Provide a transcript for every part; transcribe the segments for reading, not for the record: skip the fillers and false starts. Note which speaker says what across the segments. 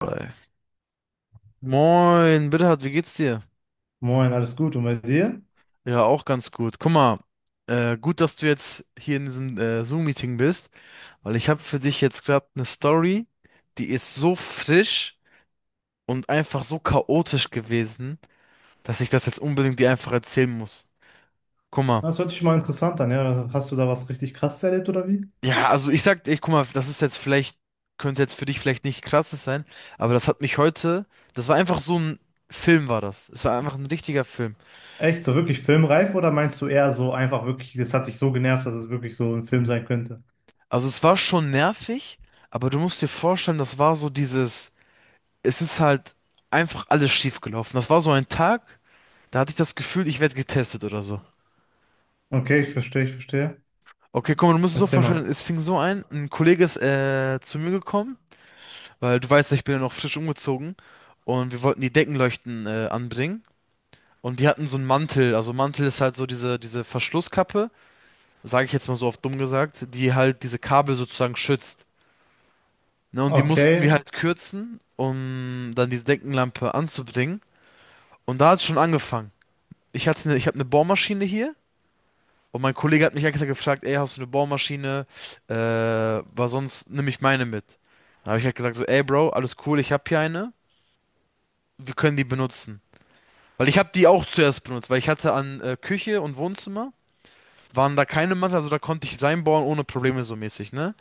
Speaker 1: Bei. Moin, Bittert, wie geht's dir?
Speaker 2: Moin, alles gut. Und bei dir?
Speaker 1: Ja, auch ganz gut. Guck mal, gut, dass du jetzt hier in diesem Zoom-Meeting bist, weil ich habe für dich jetzt gerade eine Story, die ist so frisch und einfach so chaotisch gewesen, dass ich das jetzt unbedingt dir einfach erzählen muss. Guck mal.
Speaker 2: Das hört sich schon mal interessant an, ja. Hast du da was richtig krasses erlebt oder wie?
Speaker 1: Ja, also ich sag, ich guck mal, das ist jetzt vielleicht, könnte jetzt für dich vielleicht nicht krasses sein, aber das hat mich heute, das war einfach so ein Film war das. Es war einfach ein richtiger Film.
Speaker 2: Echt, so wirklich filmreif oder meinst du eher so einfach wirklich, das hat dich so genervt, dass es wirklich so ein Film sein könnte?
Speaker 1: Also es war schon nervig, aber du musst dir vorstellen, das war so dieses, es ist halt einfach alles schief gelaufen. Das war so ein Tag, da hatte ich das Gefühl, ich werde getestet oder so.
Speaker 2: Okay, ich verstehe, ich verstehe.
Speaker 1: Okay, guck mal, du musst es so
Speaker 2: Erzähl
Speaker 1: vorstellen,
Speaker 2: mal.
Speaker 1: es fing so ein Kollege ist zu mir gekommen, weil du weißt ja, ich bin ja noch frisch umgezogen und wir wollten die Deckenleuchten anbringen und die hatten so einen Mantel, also Mantel ist halt so diese Verschlusskappe, sage ich jetzt mal so oft dumm gesagt, die halt diese Kabel sozusagen schützt. Ne, und die mussten wir
Speaker 2: Okay,
Speaker 1: halt kürzen, um dann diese Deckenlampe anzubringen. Und da hat es schon angefangen. Ich habe eine Bohrmaschine hier und mein Kollege hat mich extra gefragt, ey, hast du eine Bohrmaschine? Weil sonst nehme ich meine mit. Dann habe ich halt gesagt so, ey Bro, alles cool, ich habe hier eine, wir können die benutzen. Weil ich habe die auch zuerst benutzt, weil ich hatte an Küche und Wohnzimmer, waren da keine Matten, also da konnte ich reinbohren ohne Probleme so mäßig, ne?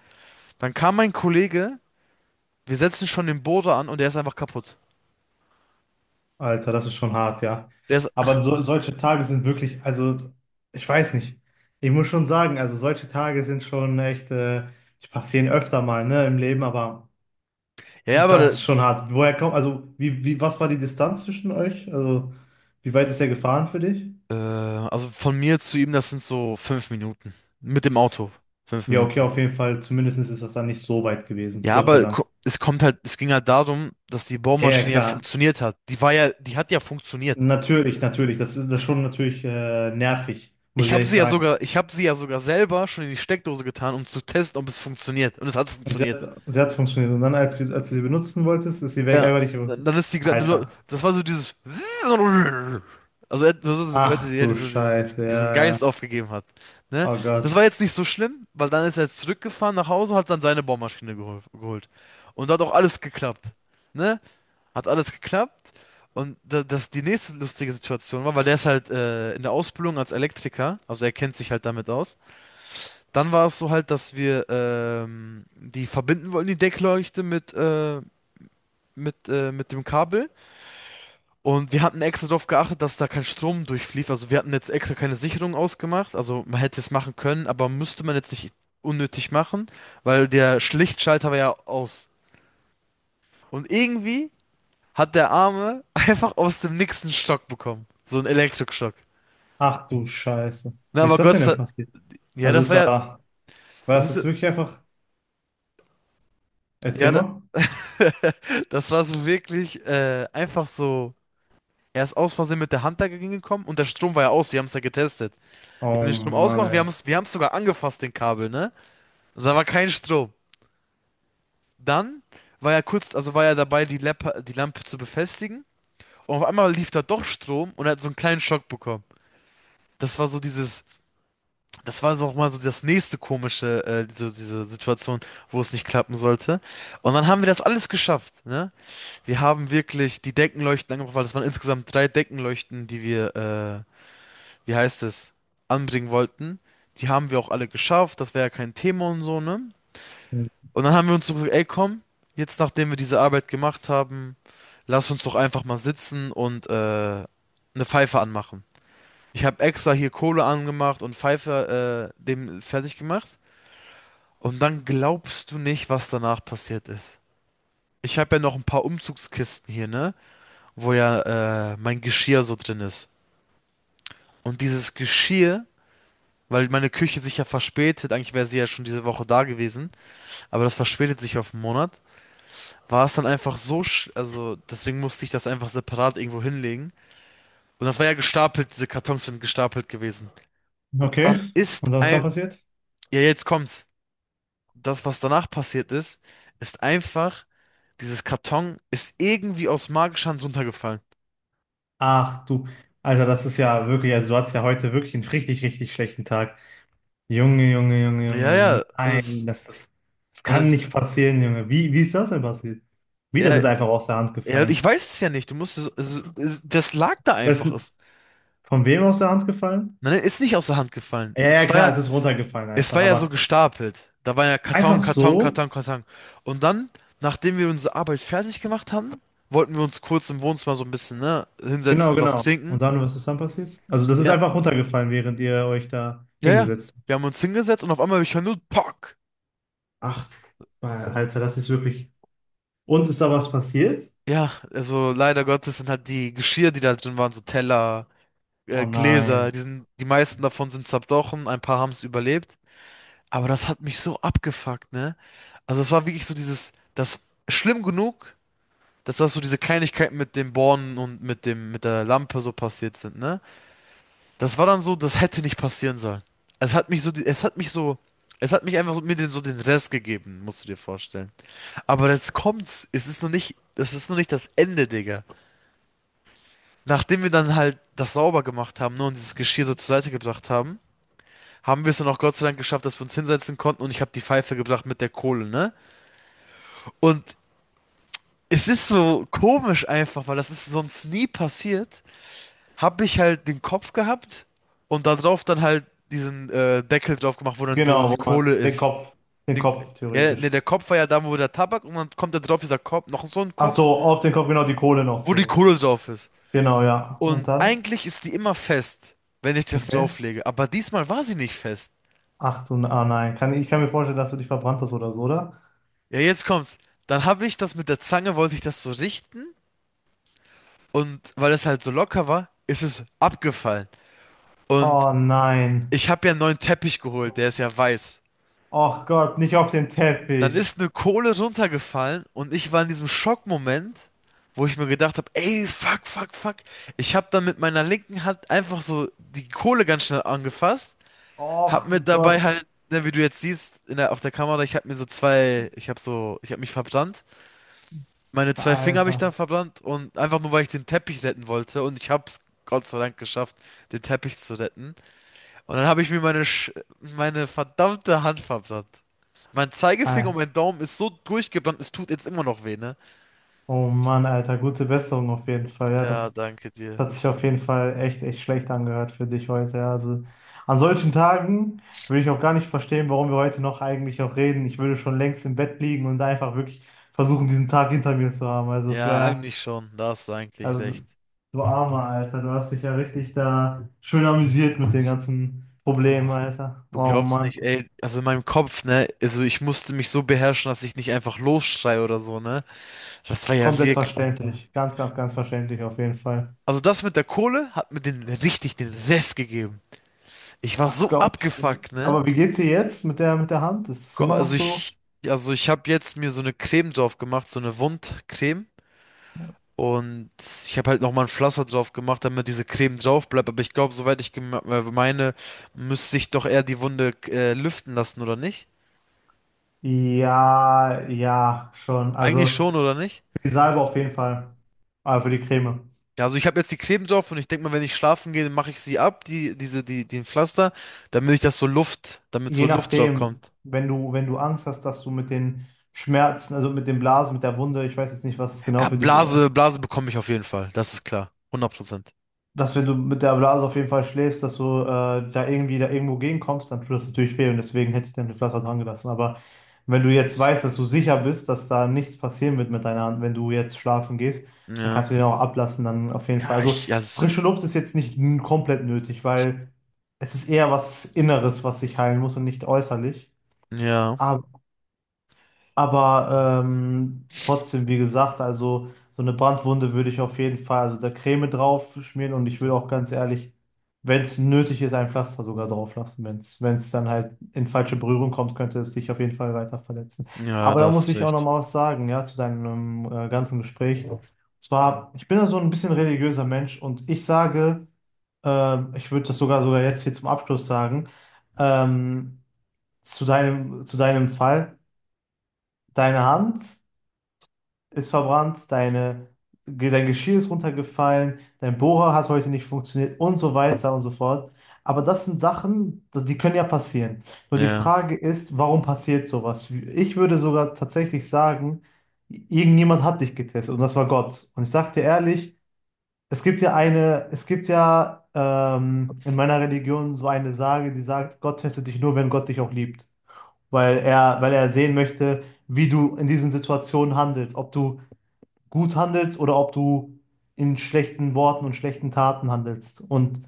Speaker 1: Dann kam mein Kollege, wir setzen schon den Bohrer an und der ist einfach kaputt.
Speaker 2: Alter, das ist schon hart, ja.
Speaker 1: Der ist,
Speaker 2: Aber so, solche Tage sind wirklich, also ich weiß nicht. Ich muss schon sagen, also solche Tage sind schon echt, die passieren öfter mal, ne, im Leben, aber.
Speaker 1: ja, aber
Speaker 2: Das ist schon hart. Woher kommt, also, wie, was war die Distanz zwischen euch? Also, wie weit ist er gefahren für dich?
Speaker 1: Also von mir zu ihm, das sind so 5 Minuten. Mit dem Auto. Fünf
Speaker 2: Ja, okay,
Speaker 1: Minuten.
Speaker 2: auf jeden Fall. Zumindest ist das dann nicht so weit gewesen.
Speaker 1: Ja,
Speaker 2: Gott sei
Speaker 1: aber
Speaker 2: Dank.
Speaker 1: es kommt halt, es ging halt darum, dass die
Speaker 2: Ja, ja,
Speaker 1: Bohrmaschine ja
Speaker 2: klar.
Speaker 1: funktioniert hat. Die hat ja funktioniert.
Speaker 2: Natürlich, natürlich. Das ist schon natürlich nervig, muss ich ehrlich sagen.
Speaker 1: Ich habe sie ja sogar selber schon in die Steckdose getan, um zu testen, ob es funktioniert. Und es hat
Speaker 2: Und
Speaker 1: funktioniert.
Speaker 2: sie hat funktioniert. Und dann, als, wir- als du sie benutzen wolltest, ist sie weg.
Speaker 1: Ja,
Speaker 2: Einfach nicht benutzt.
Speaker 1: dann ist die,
Speaker 2: Alter.
Speaker 1: das war so dieses, also so gehört,
Speaker 2: Ach
Speaker 1: wie er
Speaker 2: du
Speaker 1: diese, diesen,
Speaker 2: Scheiße.
Speaker 1: diesen
Speaker 2: Ja, ja,
Speaker 1: Geist
Speaker 2: ja.
Speaker 1: aufgegeben hat. Ne?
Speaker 2: Oh
Speaker 1: Das war
Speaker 2: Gott.
Speaker 1: jetzt nicht so schlimm, weil dann ist er jetzt zurückgefahren nach Hause, hat dann seine Bohrmaschine geholt. Und da hat auch alles geklappt. Ne? Hat alles geklappt. Und da, das die nächste lustige Situation war, weil der ist halt in der Ausbildung als Elektriker, also er kennt sich halt damit aus. Dann war es so halt, dass wir die verbinden wollten, die Deckleuchte mit dem Kabel. Und wir hatten extra darauf geachtet, dass da kein Strom durchflief. Also wir hatten jetzt extra keine Sicherung ausgemacht. Also man hätte es machen können, aber müsste man jetzt nicht unnötig machen, weil der Schlichtschalter war ja aus. Und irgendwie hat der Arme einfach aus dem Nix einen Schock bekommen. So einen Elektroschock.
Speaker 2: Ach du Scheiße.
Speaker 1: Na,
Speaker 2: Wie
Speaker 1: aber
Speaker 2: ist das
Speaker 1: Gott sei
Speaker 2: denn
Speaker 1: Dank.
Speaker 2: passiert?
Speaker 1: Ja,
Speaker 2: Also
Speaker 1: das
Speaker 2: ist
Speaker 1: war
Speaker 2: er,
Speaker 1: ja.
Speaker 2: war
Speaker 1: Das
Speaker 2: das jetzt
Speaker 1: musste,
Speaker 2: wirklich einfach?
Speaker 1: ja, ja,
Speaker 2: Erzähl
Speaker 1: da,
Speaker 2: mal.
Speaker 1: das war so wirklich einfach so. Er ist aus Versehen mit der Hand dagegen gekommen und der Strom war ja aus. Wir haben es ja getestet. Wir haben
Speaker 2: Oh
Speaker 1: den Strom
Speaker 2: Mann,
Speaker 1: ausgemacht,
Speaker 2: ey.
Speaker 1: wir haben es sogar angefasst, den Kabel, ne? Da war kein Strom. Dann war er kurz, also war er dabei, die Lampe zu befestigen. Und auf einmal lief da doch Strom und er hat so einen kleinen Schock bekommen. Das war so dieses, das war so auch mal so das nächste komische, diese Situation, wo es nicht klappen sollte. Und dann haben wir das alles geschafft, ne? Wir haben wirklich die Deckenleuchten angebracht, weil das waren insgesamt drei Deckenleuchten, die wir, wie heißt es, anbringen wollten. Die haben wir auch alle geschafft, das wäre ja kein Thema und so, ne?
Speaker 2: Hm.
Speaker 1: Und dann haben wir uns so gesagt, ey, komm, jetzt nachdem wir diese Arbeit gemacht haben, lass uns doch einfach mal sitzen und eine Pfeife anmachen. Ich habe extra hier Kohle angemacht und Pfeife dem fertig gemacht. Und dann glaubst du nicht, was danach passiert ist. Ich habe ja noch ein paar Umzugskisten hier, ne? Wo ja mein Geschirr so drin ist. Und dieses Geschirr, weil meine Küche sich ja verspätet, eigentlich wäre sie ja schon diese Woche da gewesen, aber das verspätet sich auf einen Monat. War es dann einfach so, also deswegen musste ich das einfach separat irgendwo hinlegen. Und das war ja gestapelt, diese Kartons sind gestapelt gewesen. Und
Speaker 2: Okay.
Speaker 1: dann ist
Speaker 2: Und was ist dann
Speaker 1: ein,
Speaker 2: passiert?
Speaker 1: ja jetzt kommt's, das, was danach passiert ist, ist einfach, dieses Karton ist irgendwie aus magischer Hand runtergefallen.
Speaker 2: Ach du, Alter, das ist ja wirklich, also du hattest ja heute wirklich einen richtig, richtig schlechten Tag. Junge, Junge, Junge,
Speaker 1: Ja,
Speaker 2: Junge,
Speaker 1: ja, und
Speaker 2: nein,
Speaker 1: es,
Speaker 2: das
Speaker 1: und
Speaker 2: kann nicht
Speaker 1: es,
Speaker 2: passieren, Junge. Wie ist das denn passiert? Wie, das
Speaker 1: ja,
Speaker 2: ist einfach aus der Hand
Speaker 1: ja, ich
Speaker 2: gefallen.
Speaker 1: weiß es ja nicht, du musst, es, also, es, das lag da
Speaker 2: Weißt
Speaker 1: einfach,
Speaker 2: du,
Speaker 1: es,
Speaker 2: von wem aus der Hand gefallen?
Speaker 1: nein, ist nicht aus der Hand gefallen.
Speaker 2: Ja, ja, klar, es ist runtergefallen
Speaker 1: Es
Speaker 2: einfach,
Speaker 1: war ja so
Speaker 2: aber
Speaker 1: gestapelt. Da war ja Karton,
Speaker 2: einfach
Speaker 1: Karton,
Speaker 2: so?
Speaker 1: Karton, Karton. Und dann, nachdem wir unsere Arbeit fertig gemacht haben, wollten wir uns kurz im Wohnzimmer so ein bisschen, ne,
Speaker 2: Genau,
Speaker 1: hinsetzen, was
Speaker 2: genau.
Speaker 1: trinken.
Speaker 2: Und dann, was ist dann passiert? Also das ist
Speaker 1: Ja,
Speaker 2: einfach runtergefallen, während ihr euch da
Speaker 1: ja, ja.
Speaker 2: hingesetzt habt.
Speaker 1: Wir haben uns hingesetzt und auf einmal ich höre nur Pock.
Speaker 2: Ach, Alter, das ist wirklich. Und ist da was passiert?
Speaker 1: Ja, also leider Gottes sind halt die Geschirr, die da drin waren, so Teller,
Speaker 2: Oh
Speaker 1: Gläser,
Speaker 2: nein.
Speaker 1: die meisten davon sind zerbrochen, ein paar haben es überlebt. Aber das hat mich so abgefuckt, ne? Also es war wirklich so dieses, das schlimm genug, dass das so diese Kleinigkeiten mit den Bornen und mit der Lampe so passiert sind, ne? Das war dann so, das hätte nicht passieren sollen. Es hat mich so, die- es hat mich so, es hat mich einfach so, mir den, so den Rest gegeben, musst du dir vorstellen. Aber jetzt kommt's, es ist noch nicht das Ende, Digga. Nachdem wir dann halt das sauber gemacht haben, ne, und dieses Geschirr so zur Seite gebracht haben, haben wir es dann auch Gott sei Dank geschafft, dass wir uns hinsetzen konnten und ich habe die Pfeife gebracht mit der Kohle, ne? Und es ist so komisch einfach, weil das ist sonst nie passiert. Habe ich halt den Kopf gehabt und da drauf dann halt diesen Deckel drauf gemacht, wo dann so
Speaker 2: Genau,
Speaker 1: die
Speaker 2: wo man
Speaker 1: Kohle ist.
Speaker 2: Den
Speaker 1: Den,
Speaker 2: Kopf
Speaker 1: ja,
Speaker 2: theoretisch.
Speaker 1: ne, der Kopf war ja da, wo der Tabak und dann kommt da drauf dieser Kopf, noch so ein
Speaker 2: Ach
Speaker 1: Kopf,
Speaker 2: so, auf den Kopf, genau, die Kohle noch
Speaker 1: wo die
Speaker 2: so.
Speaker 1: Kohle drauf ist.
Speaker 2: Genau, ja.
Speaker 1: Und
Speaker 2: Und dann?
Speaker 1: eigentlich ist die immer fest, wenn ich das
Speaker 2: Okay.
Speaker 1: drauflege, aber diesmal war sie nicht fest.
Speaker 2: Ach du, ah nein. Kann, ich kann mir vorstellen, dass du dich verbrannt hast oder so, oder?
Speaker 1: Ja, jetzt kommt's. Dann habe ich das mit der Zange, wollte ich das so richten und weil es halt so locker war, ist es abgefallen. Und
Speaker 2: Oh nein.
Speaker 1: ich habe ja einen neuen Teppich geholt, der ist ja weiß.
Speaker 2: Och Gott, nicht auf den
Speaker 1: Dann
Speaker 2: Teppich.
Speaker 1: ist eine Kohle runtergefallen und ich war in diesem Schockmoment, wo ich mir gedacht habe, ey, fuck, fuck, fuck. Ich habe dann mit meiner linken Hand einfach so die Kohle ganz schnell angefasst,
Speaker 2: Och
Speaker 1: habe mir dabei
Speaker 2: Gott.
Speaker 1: halt, ne, wie du jetzt siehst, in der, auf der Kamera, ich habe mich verbrannt. Meine zwei Finger habe ich
Speaker 2: Alter.
Speaker 1: dann verbrannt und einfach nur, weil ich den Teppich retten wollte und ich habe es Gott sei Dank geschafft, den Teppich zu retten. Und dann habe ich mir meine verdammte Hand verbrannt. Mein Zeigefinger und
Speaker 2: Ei.
Speaker 1: mein Daumen ist so durchgebrannt, es tut jetzt immer noch weh, ne?
Speaker 2: Oh Mann, Alter, gute Besserung auf jeden Fall. Ja,
Speaker 1: Ja,
Speaker 2: das,
Speaker 1: danke dir.
Speaker 2: das hat sich auf jeden Fall echt, echt schlecht angehört für dich heute. Ja. Also an solchen Tagen würde ich auch gar nicht verstehen, warum wir heute noch eigentlich auch reden. Ich würde schon längst im Bett liegen und einfach wirklich versuchen, diesen Tag hinter mir zu haben. Also das
Speaker 1: Ja,
Speaker 2: wäre,
Speaker 1: eigentlich schon. Da hast du eigentlich
Speaker 2: also
Speaker 1: recht.
Speaker 2: du armer Alter, du hast dich ja richtig da schön amüsiert mit den ganzen Problemen,
Speaker 1: Boah,
Speaker 2: Alter.
Speaker 1: du
Speaker 2: Oh
Speaker 1: glaubst
Speaker 2: Mann,
Speaker 1: nicht, ey, also in meinem Kopf, ne, also ich musste mich so beherrschen, dass ich nicht einfach losschreie oder so, ne? Das war ja
Speaker 2: komplett
Speaker 1: wirklich.
Speaker 2: verständlich. Ganz, ganz, ganz verständlich auf jeden Fall.
Speaker 1: Also das mit der Kohle hat mir den richtig den Rest gegeben. Ich war
Speaker 2: Das
Speaker 1: so
Speaker 2: glaube ich dir.
Speaker 1: abgefuckt, ne?
Speaker 2: Aber wie geht's dir jetzt mit der Hand? Ist es
Speaker 1: Komm,
Speaker 2: immer noch
Speaker 1: also
Speaker 2: so?
Speaker 1: ich, also ich habe jetzt mir so eine Creme drauf gemacht, so eine Wundcreme. Und ich habe halt nochmal ein Pflaster drauf gemacht, damit diese Creme drauf bleibt. Aber ich glaube, soweit ich meine, müsste ich doch eher die Wunde lüften lassen, oder nicht?
Speaker 2: Ja, ja, schon.
Speaker 1: Eigentlich
Speaker 2: Also
Speaker 1: schon, oder nicht?
Speaker 2: für die Salbe auf jeden Fall. Aber für die Creme.
Speaker 1: Ja, also ich habe jetzt die Creme drauf und ich denke mal, wenn ich schlafen gehe, dann mache ich sie ab, die, diese, die, den Pflaster, damit
Speaker 2: Je
Speaker 1: so Luft drauf
Speaker 2: nachdem,
Speaker 1: kommt.
Speaker 2: wenn du, wenn du Angst hast, dass du mit den Schmerzen, also mit den Blasen, mit der Wunde, ich weiß jetzt nicht, was es genau
Speaker 1: Ja,
Speaker 2: für dich
Speaker 1: Blase, Blase bekomme ich auf jeden Fall. Das ist klar. 100%.
Speaker 2: dass wenn du mit der Blase auf jeden Fall schläfst, dass du da irgendwie da irgendwo gegenkommst, dann tut das natürlich weh und deswegen hätte ich dann den Pflaster dran gelassen. Aber wenn du jetzt weißt, dass du sicher bist, dass da nichts passieren wird mit deiner Hand, wenn du jetzt schlafen gehst, dann
Speaker 1: Ja.
Speaker 2: kannst du den auch ablassen, dann auf jeden Fall.
Speaker 1: Ja,
Speaker 2: Also
Speaker 1: ich, ja,
Speaker 2: frische Luft ist jetzt nicht n- komplett nötig, weil es ist eher was Inneres, was sich heilen muss und nicht äußerlich.
Speaker 1: ja,
Speaker 2: Aber trotzdem, wie gesagt, also so eine Brandwunde würde ich auf jeden Fall, also da Creme drauf schmieren und ich würde auch ganz ehrlich, wenn es nötig ist, ein Pflaster sogar drauf lassen. Wenn es, wenn es dann halt in falsche Berührung kommt, könnte es dich auf jeden Fall weiter verletzen.
Speaker 1: ja,
Speaker 2: Aber
Speaker 1: da
Speaker 2: da muss
Speaker 1: hast du
Speaker 2: ich auch noch
Speaker 1: recht.
Speaker 2: mal was sagen, ja, zu deinem ganzen Gespräch. Und zwar, ich bin ja so ein bisschen religiöser Mensch und ich sage, ich würde das sogar jetzt hier zum Abschluss sagen, ähm, zu deinem Fall, deine Hand ist verbrannt, deine, dein Geschirr ist runtergefallen, dein Bohrer hat heute nicht funktioniert und so weiter und so fort. Aber das sind Sachen, das- die können ja passieren. Nur die
Speaker 1: Ja.
Speaker 2: Frage ist, warum passiert sowas? Ich würde sogar tatsächlich sagen, irgendjemand hat dich getestet und das war Gott. Und ich sag dir ehrlich, es gibt ja eine, es gibt ja in meiner Religion so eine Sage, die sagt, Gott testet dich nur, wenn Gott dich auch liebt. Weil er sehen möchte, wie du in diesen Situationen handelst, ob du gut handelst oder ob du in schlechten Worten und schlechten Taten handelst. Und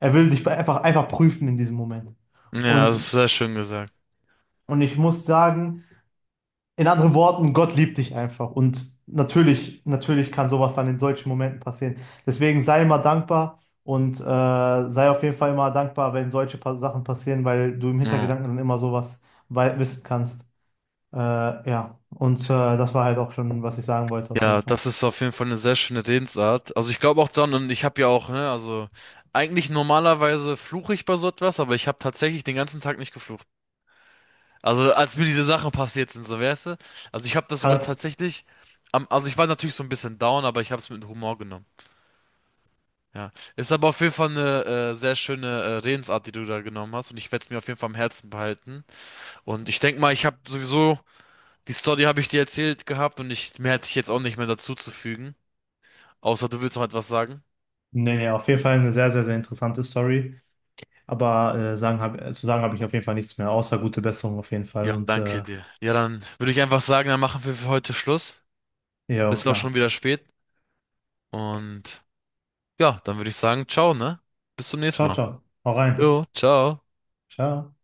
Speaker 2: er will dich einfach, einfach prüfen in diesem Moment.
Speaker 1: Ja, das
Speaker 2: Und,
Speaker 1: ist sehr schön gesagt.
Speaker 2: und ich muss sagen, in anderen Worten, Gott liebt dich einfach. Und natürlich, natürlich kann sowas dann in solchen Momenten passieren. Deswegen sei immer dankbar und sei auf jeden Fall immer dankbar, wenn solche pa Sachen passieren, weil du im
Speaker 1: Ja.
Speaker 2: Hintergedanken dann immer sowas wei- wissen kannst. Äh, ja, und das war halt auch schon, was ich sagen wollte, auf jeden
Speaker 1: Ja,
Speaker 2: Fall.
Speaker 1: das ist auf jeden Fall eine sehr schöne Redensart. Also ich glaube auch dann, und ich habe ja auch, ne, also eigentlich normalerweise fluche ich bei so etwas, aber ich habe tatsächlich den ganzen Tag nicht geflucht. Also als mir diese Sachen passiert sind, so weißt du. Also ich habe das sogar
Speaker 2: Kannst.
Speaker 1: tatsächlich, also ich war natürlich so ein bisschen down, aber ich habe es mit Humor genommen. Ja, ist aber auf jeden Fall eine sehr schöne Redensart, die du da genommen hast, und ich werde es mir auf jeden Fall am Herzen behalten. Und ich denke mal, ich habe sowieso die Story habe ich dir erzählt gehabt und ich mehr hätte ich jetzt auch nicht mehr dazu zu fügen. Außer du willst noch etwas sagen.
Speaker 2: Nee, nee, auf jeden Fall eine sehr, sehr, sehr interessante Story. Aber zu sagen habe ich auf jeden Fall nichts mehr, außer gute Besserung auf jeden Fall.
Speaker 1: Ja,
Speaker 2: Und
Speaker 1: danke dir. Ja, dann würde ich einfach sagen, dann machen wir für heute Schluss.
Speaker 2: ja,
Speaker 1: Ist auch
Speaker 2: klar.
Speaker 1: schon wieder spät. Und ja, dann würde ich sagen, ciao, ne? Bis zum nächsten
Speaker 2: Ciao,
Speaker 1: Mal.
Speaker 2: ciao. Hau rein.
Speaker 1: Jo, ciao.
Speaker 2: Ciao.